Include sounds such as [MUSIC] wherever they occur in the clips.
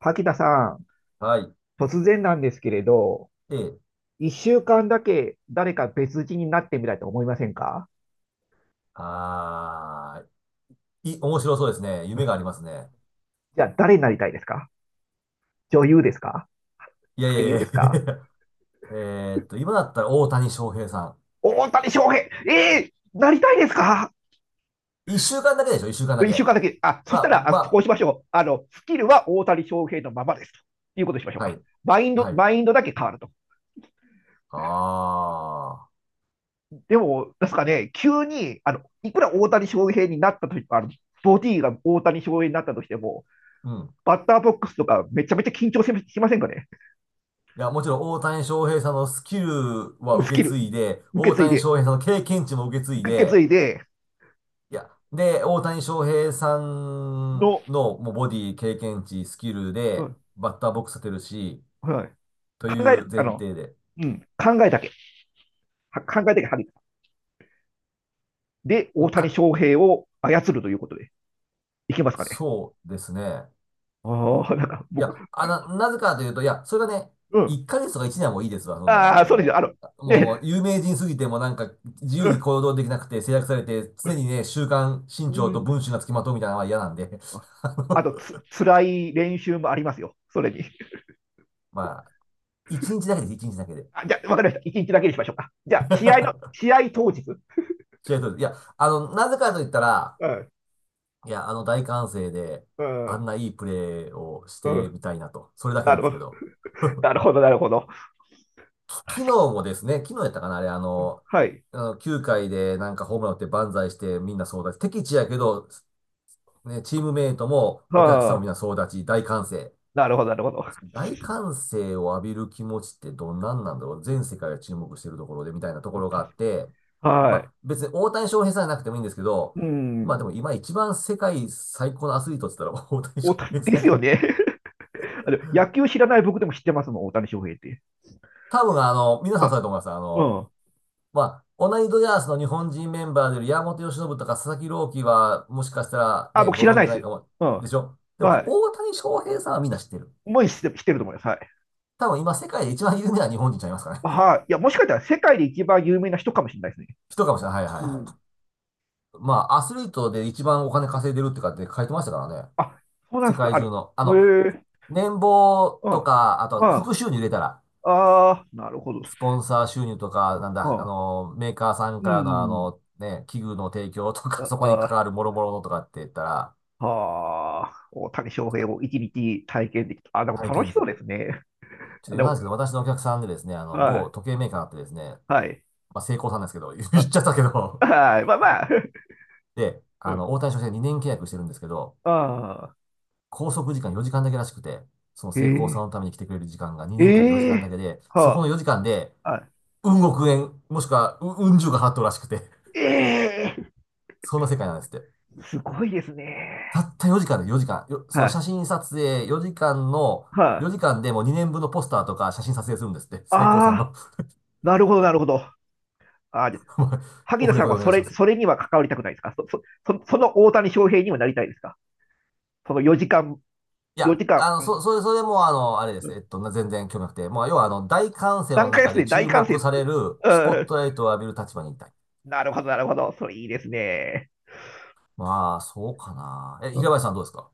柿田さん、はい。突然なんですけれど、で、一週間だけ誰か別人になってみたいと思いませんか？あ面白そうですね。夢がありますね。じゃあ誰になりたいですか？女優ですか？いやい俳優やいでや すか？ [LAUGHS] 今だったら大谷翔平さん。大谷翔平、ええ、なりたいですか？一週間だけでしょ、一週間だ一週け。間だけ。あ、そしまたあ、ら、あ、こうましましょう。スキルは大谷翔平のままです。ということにしましょうあ、はか。い。マインド、はい。マインドだけ変わると。あでも、ですかね、急に、いくら大谷翔平になったとき、ボディが大谷翔平になったとしても、ー。うん。バッターボックスとかめちゃめちゃ緊張しませんかね？いや、もちろん大谷翔平さんのスキルはス受キけ継ル、いで、受け大継い谷で、翔平さんの経験値も受け継い受け継で、いでいや、で、大谷翔平さんの、のもうボディ、経験値、スキルうで、ん、バッターボックス立てるし、はい、とい考えうる、前提で。うん、考えだけ、は考えだけ、はり、で、大谷か、翔平を操るということで、いけますかね。そうですね。ああ、[LAUGHS] なんかい僕、や、なぜかというと、いや、それがね、うん、1ヶ月とか1年はもういいですわ。そんな、ああ、そうですよ、あの、もね、う有名人すぎて、もうなんか自う由にん、行動できなくて制約されて、常にね、週刊新う潮とん、文春が付きまとうみたいなのは嫌なんで、[LAUGHS] ああのとつ、辛い練習もありますよ、それに。まあ、1日だけです、日だけで。あ、じゃあ、わかりました、一日だけにしましょうか。じゃあ、試合の、[LAUGHS] 試合当日。試合そうです。いや、なぜかと言ったら、うん、いや、大歓声で、うあんん、ないいプレーをしうてん。みたいなと、それだけななんるでほすど、けど。なるほど、なるほど。昨日もですね、昨日やったかな、あれ、あの、はい。あの9回でなんかホームラン打って万歳してみんな総立ち。敵地やけど、ね、チームメイトもお客さんはもあ、みんな総立ち、大歓声。なるほど、なるほど。大歓声を浴びる気持ちってどんなんなんだろう、全世界が注目してるところでみたいなとこ確ろがあって、か、まはい。あ別に大谷翔平さんじゃなくてもいいんですけど、うまあん。でも今一番世界最高のアスリートって言ったら大谷翔大谷、平でさんすじゃよね。ん。[LAUGHS] 野球知らない僕でも知ってますもん、大谷翔平って。多分皆さんそうはだと思います。い。うん。まあ、同じドジャースの日本人メンバーでいる山本由伸とか佐々木朗希は、もしかしたらあ、ね、僕ご知らな存い知でないす。かも、うでん。しょ。でも、は大谷翔平さんはみんな知ってる。い。もう知って、知ってると思います。はい。多分今世界で一番有名な日本人ちゃいますかね。[LAUGHS] はい。いや、もしかしたら世界で一番有名な人かもしれないですね。人かもしれない。はいはいうはん。い。[LAUGHS] まあ、アスリートで一番お金稼いでるってかって書いてましたからね。あ、そうなん世ですか。界中の。へえ。年俸うん。とか、あうん。と、あ副収入入れたら、あ、なるほど。スポンサー収入とか、うなんだ、ん。メーカーさんうからのん、ね、器具の提供とか、あそこに関あ、わる諸々のとかって言ったら、はあ、大谷翔平を一日体験できた。あ、でも体楽し験的そうな。ですね。ちょっと余で談でも、すけど、私のお客さんでですね、は某い。時計メーカーあってですね、はい。まあ、成功さんですけど、[LAUGHS] 言っちゃったけど、はい。まあまあ。[LAUGHS] で、うん。[LAUGHS] 大谷翔平2年契約してるんですけど、ああ。拘束時間4時間だけらしくて、その成功さえんのために来てくれる時間がえ。2年間で4え時間だえ。けで、そこのは4時間で、あ。はうん億円、もしくは、うん十が払っとるらしくて、い。ええ。[LAUGHS] そんな世界なんですって。すごいですね。たった4時間で4時間、よそはのい。写真撮影4時間の、は4い。時間でもう2年分のポスターとか写真撮影するんですって、成功さんああ。の。なるほど、なるほど。ああ、じゃ、 [LAUGHS] 萩オ野フレさコんではお願そいしまれ、す。それには関わりたくないですか？そ、そ、そ、その大谷翔平にはなりたいですか？その4時間、いや、4時間、うん、それも、あれでうす。ん、全然興味なくて。もう、要は、大歓声短の歌で中すでね、大注歓声。目されうる、スポッん。トライトを浴びる立場にいたい。なるほど、なるほど。それいいですね。まあ、そうかな。え、う平ん、林さんどうですか？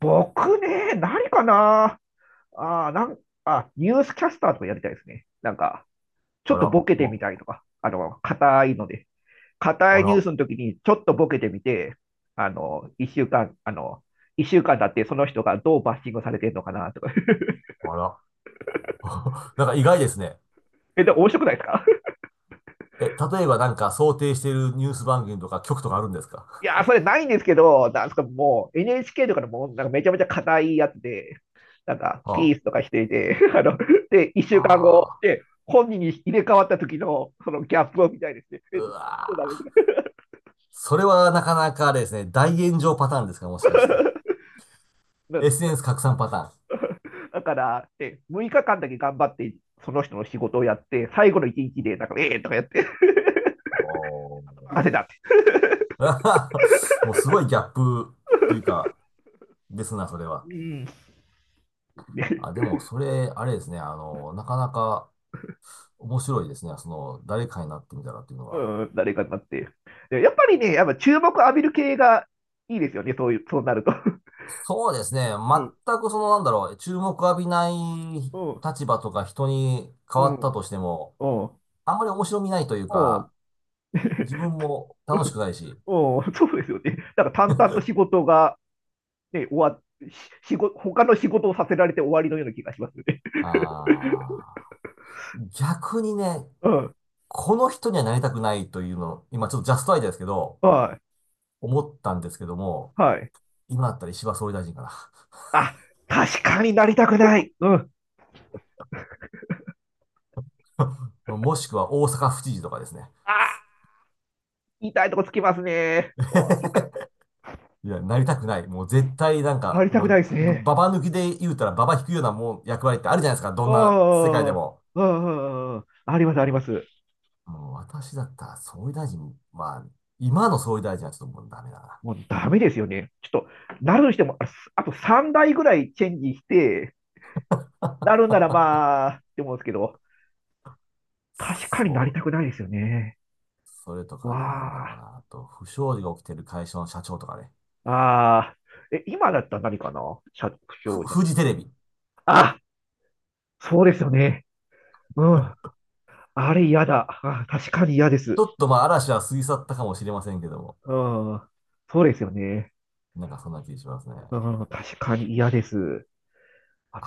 僕ね、何かな、ああ、なん、あ、ニュースキャスターとかやりたいですね。ちょあっとら、ボケてみたりとか、硬いので、硬あいニュースら、の時にちょっとボケてみて、一週間、一週間だってその人がどうバッシングされてるのかなとか。[LAUGHS] あら。[LAUGHS] なんか意外ですね。え、でも面白くないですか？ え、例えばなんか想定しているニュース番組とか局とかあるんですか？ [LAUGHS] いやー、それないんですけど、なんすか、もう NHK とかのもうなんかめちゃめちゃ硬いやつで、なんかあピースとかしていて、[LAUGHS] で、一あ、週間後ああ、で本人に入れ替わった時のそのギャップを見たいですね。うえ、そうなわのか。 ー、それはなかなかあれですね。大炎上パターンですか、もしかして？[LAUGHS] SNS 拡散パターン。だから、で6日間だけ頑張って、その人の仕事をやって、最後の一日で、なんか、ええー、とかやって、[LAUGHS] おー 任せたって。[LAUGHS] もうすごいギャップっていうか、ですな、それは。うん、でも、それ、あれですね、なかなか面白いですね、誰かになってみたらっていうの [LAUGHS] うは。ん、誰かになって。やっぱりね、やっぱ注目浴びる系がいいですよね、そういう、そうなると。[LAUGHS] そうですね、うん、全くなんだろう、注目浴びないうん、立場とか人に変うわったん、としても、うん、あんまり面白みないといううん、か、自分も楽しくないし、うん、そうですよね。なんか淡々と仕事が、ね、終わっ、し、仕事、他の仕事をさせられて終わりのような気がしますよね。あ逆にね、うん、この人にはなりたくないというの、今ちょっとジャストアイデアですけど、はい、思ったんですけども、はい。今だったら石破総理大臣かあ、確かになりたくない。うん。な。[LAUGHS] もしくは大阪府知事とかですね。あ、痛いとこつきますね。お、 [LAUGHS] いや、なりたくない。もう絶対なん触か、りたもくなう、いですばね。ババ抜きで言うたらババ引くようなもう役割ってあるじゃないですか。どんな世あ界でも。あ、あ、あります、あります。もう私だったら総理大臣、まあ、今の総理大臣はちょっともうダメだな。もうダメですよね。ちょっと、なるにしても、あ、あと3台ぐらいチェンジして、なるんならまあ、って思うんですけど、確かになりそたう。くないですよね。それとかね、なんだわろうあ、な。あと、不祥事が起きてる会社の社長とかね。ああ、え、今だったら何かな、社長になりフたい。ジテレビ。あ、そうですよね。うん。あれ嫌だ。あ、確かに嫌です。ちょっとまあ嵐は過ぎ去ったかもしれませんけども。うん。そうですよね。なんかそんな気がしますね。うん、確かに嫌です。あ、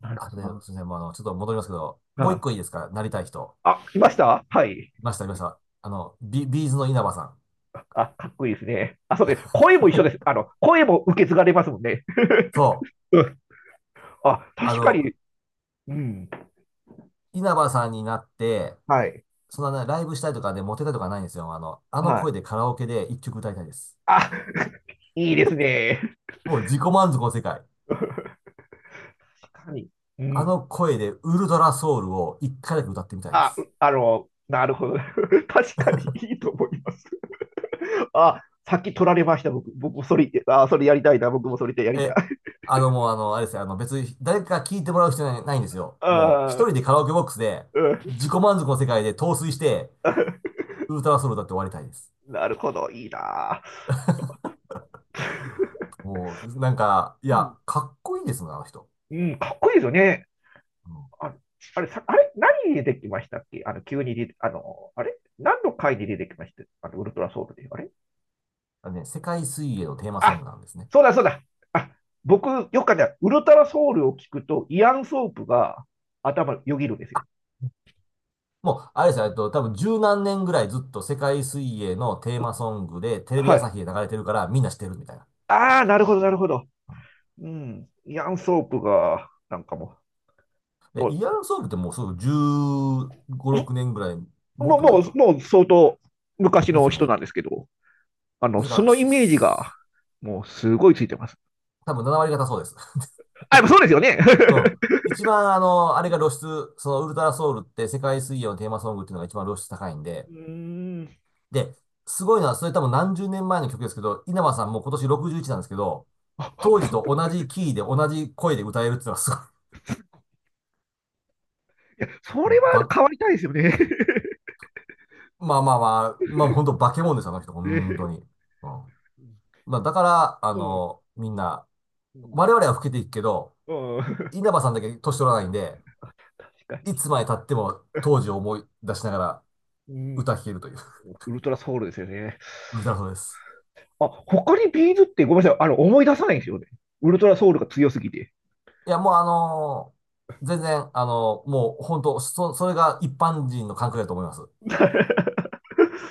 なるあとほで、ど、すみません、もうちょっと戻りますけど、もう一あ、個いいですか？なりたい人。あ、来ました、はい。いました、いました。ビーズの稲葉さん。あ、かっこいいですね。あ、そうです。声も一緒です。[LAUGHS] 声も受け継がれますもんね。そう。うん、あ、あ確かの、に。うん。稲葉さんになって、はい。そんなね、ライブしたいとかで、モテたいとかないんですよ。あのは声い。でカラオケで一曲歌いたいです。あ、いいですね。もう自己満足の世界。確かに。うあん。の声でウルトラソウルを一回だけ歌ってみたいであ、う、す。なるほど。[LAUGHS] 確かにいいと思います。あ、さっき取られました、僕。僕もそれ、あ、それやりたいな。僕もそれでやりたい。え、もうあれですよ。別に誰か聞いてもらう必要ない、ないんですよ。もう一ああ、人でカラオケボックスで自己満足の世界で陶酔してウルトラソウル歌って終わりたいです。うん。なるほど。いいな。もう、なんか、いうや、ん。かっこいいですもんね、あの人。うん、かっこいいですよね。うん。あ、あれ、さ、あれ、何に出てきましたっけ？急に出て、あの、あれ何の回に出てきました？あの、ウルトラソウルで。あれ、あのね、世界水泳のテーマソンあ、グなんですね。そうだそうだ。あ、僕、よくあるウルトラソウルを聞くと、イアン・ソープが頭よぎるんですよ。もう、あれですよ、多分十何年ぐらいずっと世界水泳のテーマソングで、テレビは朝い。日で流れてるから、みんな知ってるみたいな。ああ、なるほど、なるほど。うん。うん。イアン・ソープが、なんかもう、で、イヤランソングってもうすぐ15、6年ぐらい、もっのとも前う、もう、か。もう相当昔でのすよ人ね。なんですけど、ですかそら、のイメージが、もうすごいついてます。多分7割方そうです。[LAUGHS] あ、やっぱそうですよね。うん。[LAUGHS] 一番、あれうがん。露出、そのウルトラソウルって世界水泳のテーマソングっていうのが一番露出高いんうで、ーん。で、すごいのは、それ多分何十年前の曲ですけど、稲葉さんも今年61なんですけど、当時と [LAUGHS] あ、同じキーで同じ声で歌えるっていうのはすごい。いや、そもれうはば、変わりたいですよね。[LAUGHS] まあまあまあ、まあ本当化け物ですよ、あの人、本ね、当に。うん。まあだから、うん。みんな、うん。我々は老けていくけど、うん。稲葉さんだけ年取らないんで、確かいに。つまで経っても当時を思い出しながらうん。歌聴けるという、ウルトラソウルですよね。[LAUGHS] 歌そうです。あ、他にビーズってごめんなさい。思い出さないんですよね。ウルトラソウルが強すぎて。いや、もう全然、もう本当、それが一般人の感覚だと思います。[LAUGHS]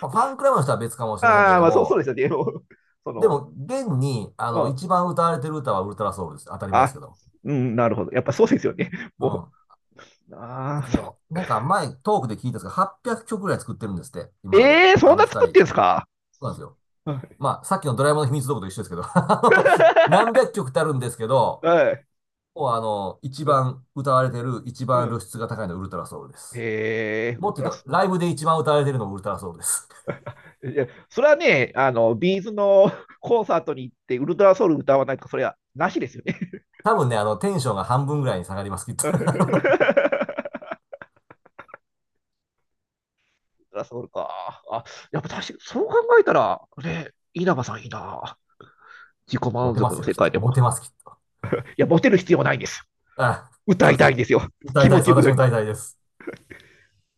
まあファンクラブの人は別かもしれませんけれああ、どまあそう、そうも、ですよね。もうそでの、も、現に、うん。一番歌われてる歌はウルトラソウルです。当たり前ですあ、けど。うん、なるほど。やっぱそうですよね。うもん。う、ああ、そ、なんか前、トークで聞いたんですが、800曲ぐらい作ってるんですって、今まで。ええー、そあんのな二作っ人。てそんすか？うなんですよ。はい。まあ、さっきのドラえもんの秘密道具と一緒ですけど、[LAUGHS] あの何 [LAUGHS] 百曲ってあるんですけど、はい。もう一番歌われてる、一う番ん。露出が高いのはウルトラソウルです。へえ、ウもルっとトラ、言うと、ライブで一番歌われてるのはウルトラソウルです。いや、それはね、ビーズの [LAUGHS] コンサートに行って、ウルトラソウル歌わないとか、それはなしですよね。多分ね、テンションが半分ぐらいに下がります、きっと。[LAUGHS] ウル [LAUGHS] トラソウルか。あ、やっぱ確かに、そう考えたら、ね、稲葉さんいいな。自己モ満テま足すのよ、世きっ界と。でモも。テます、きっと。いや、モテる必要はないんです。あ、歌そういですたいんね。ですよ。大気体持でちす。よく私なも大体です。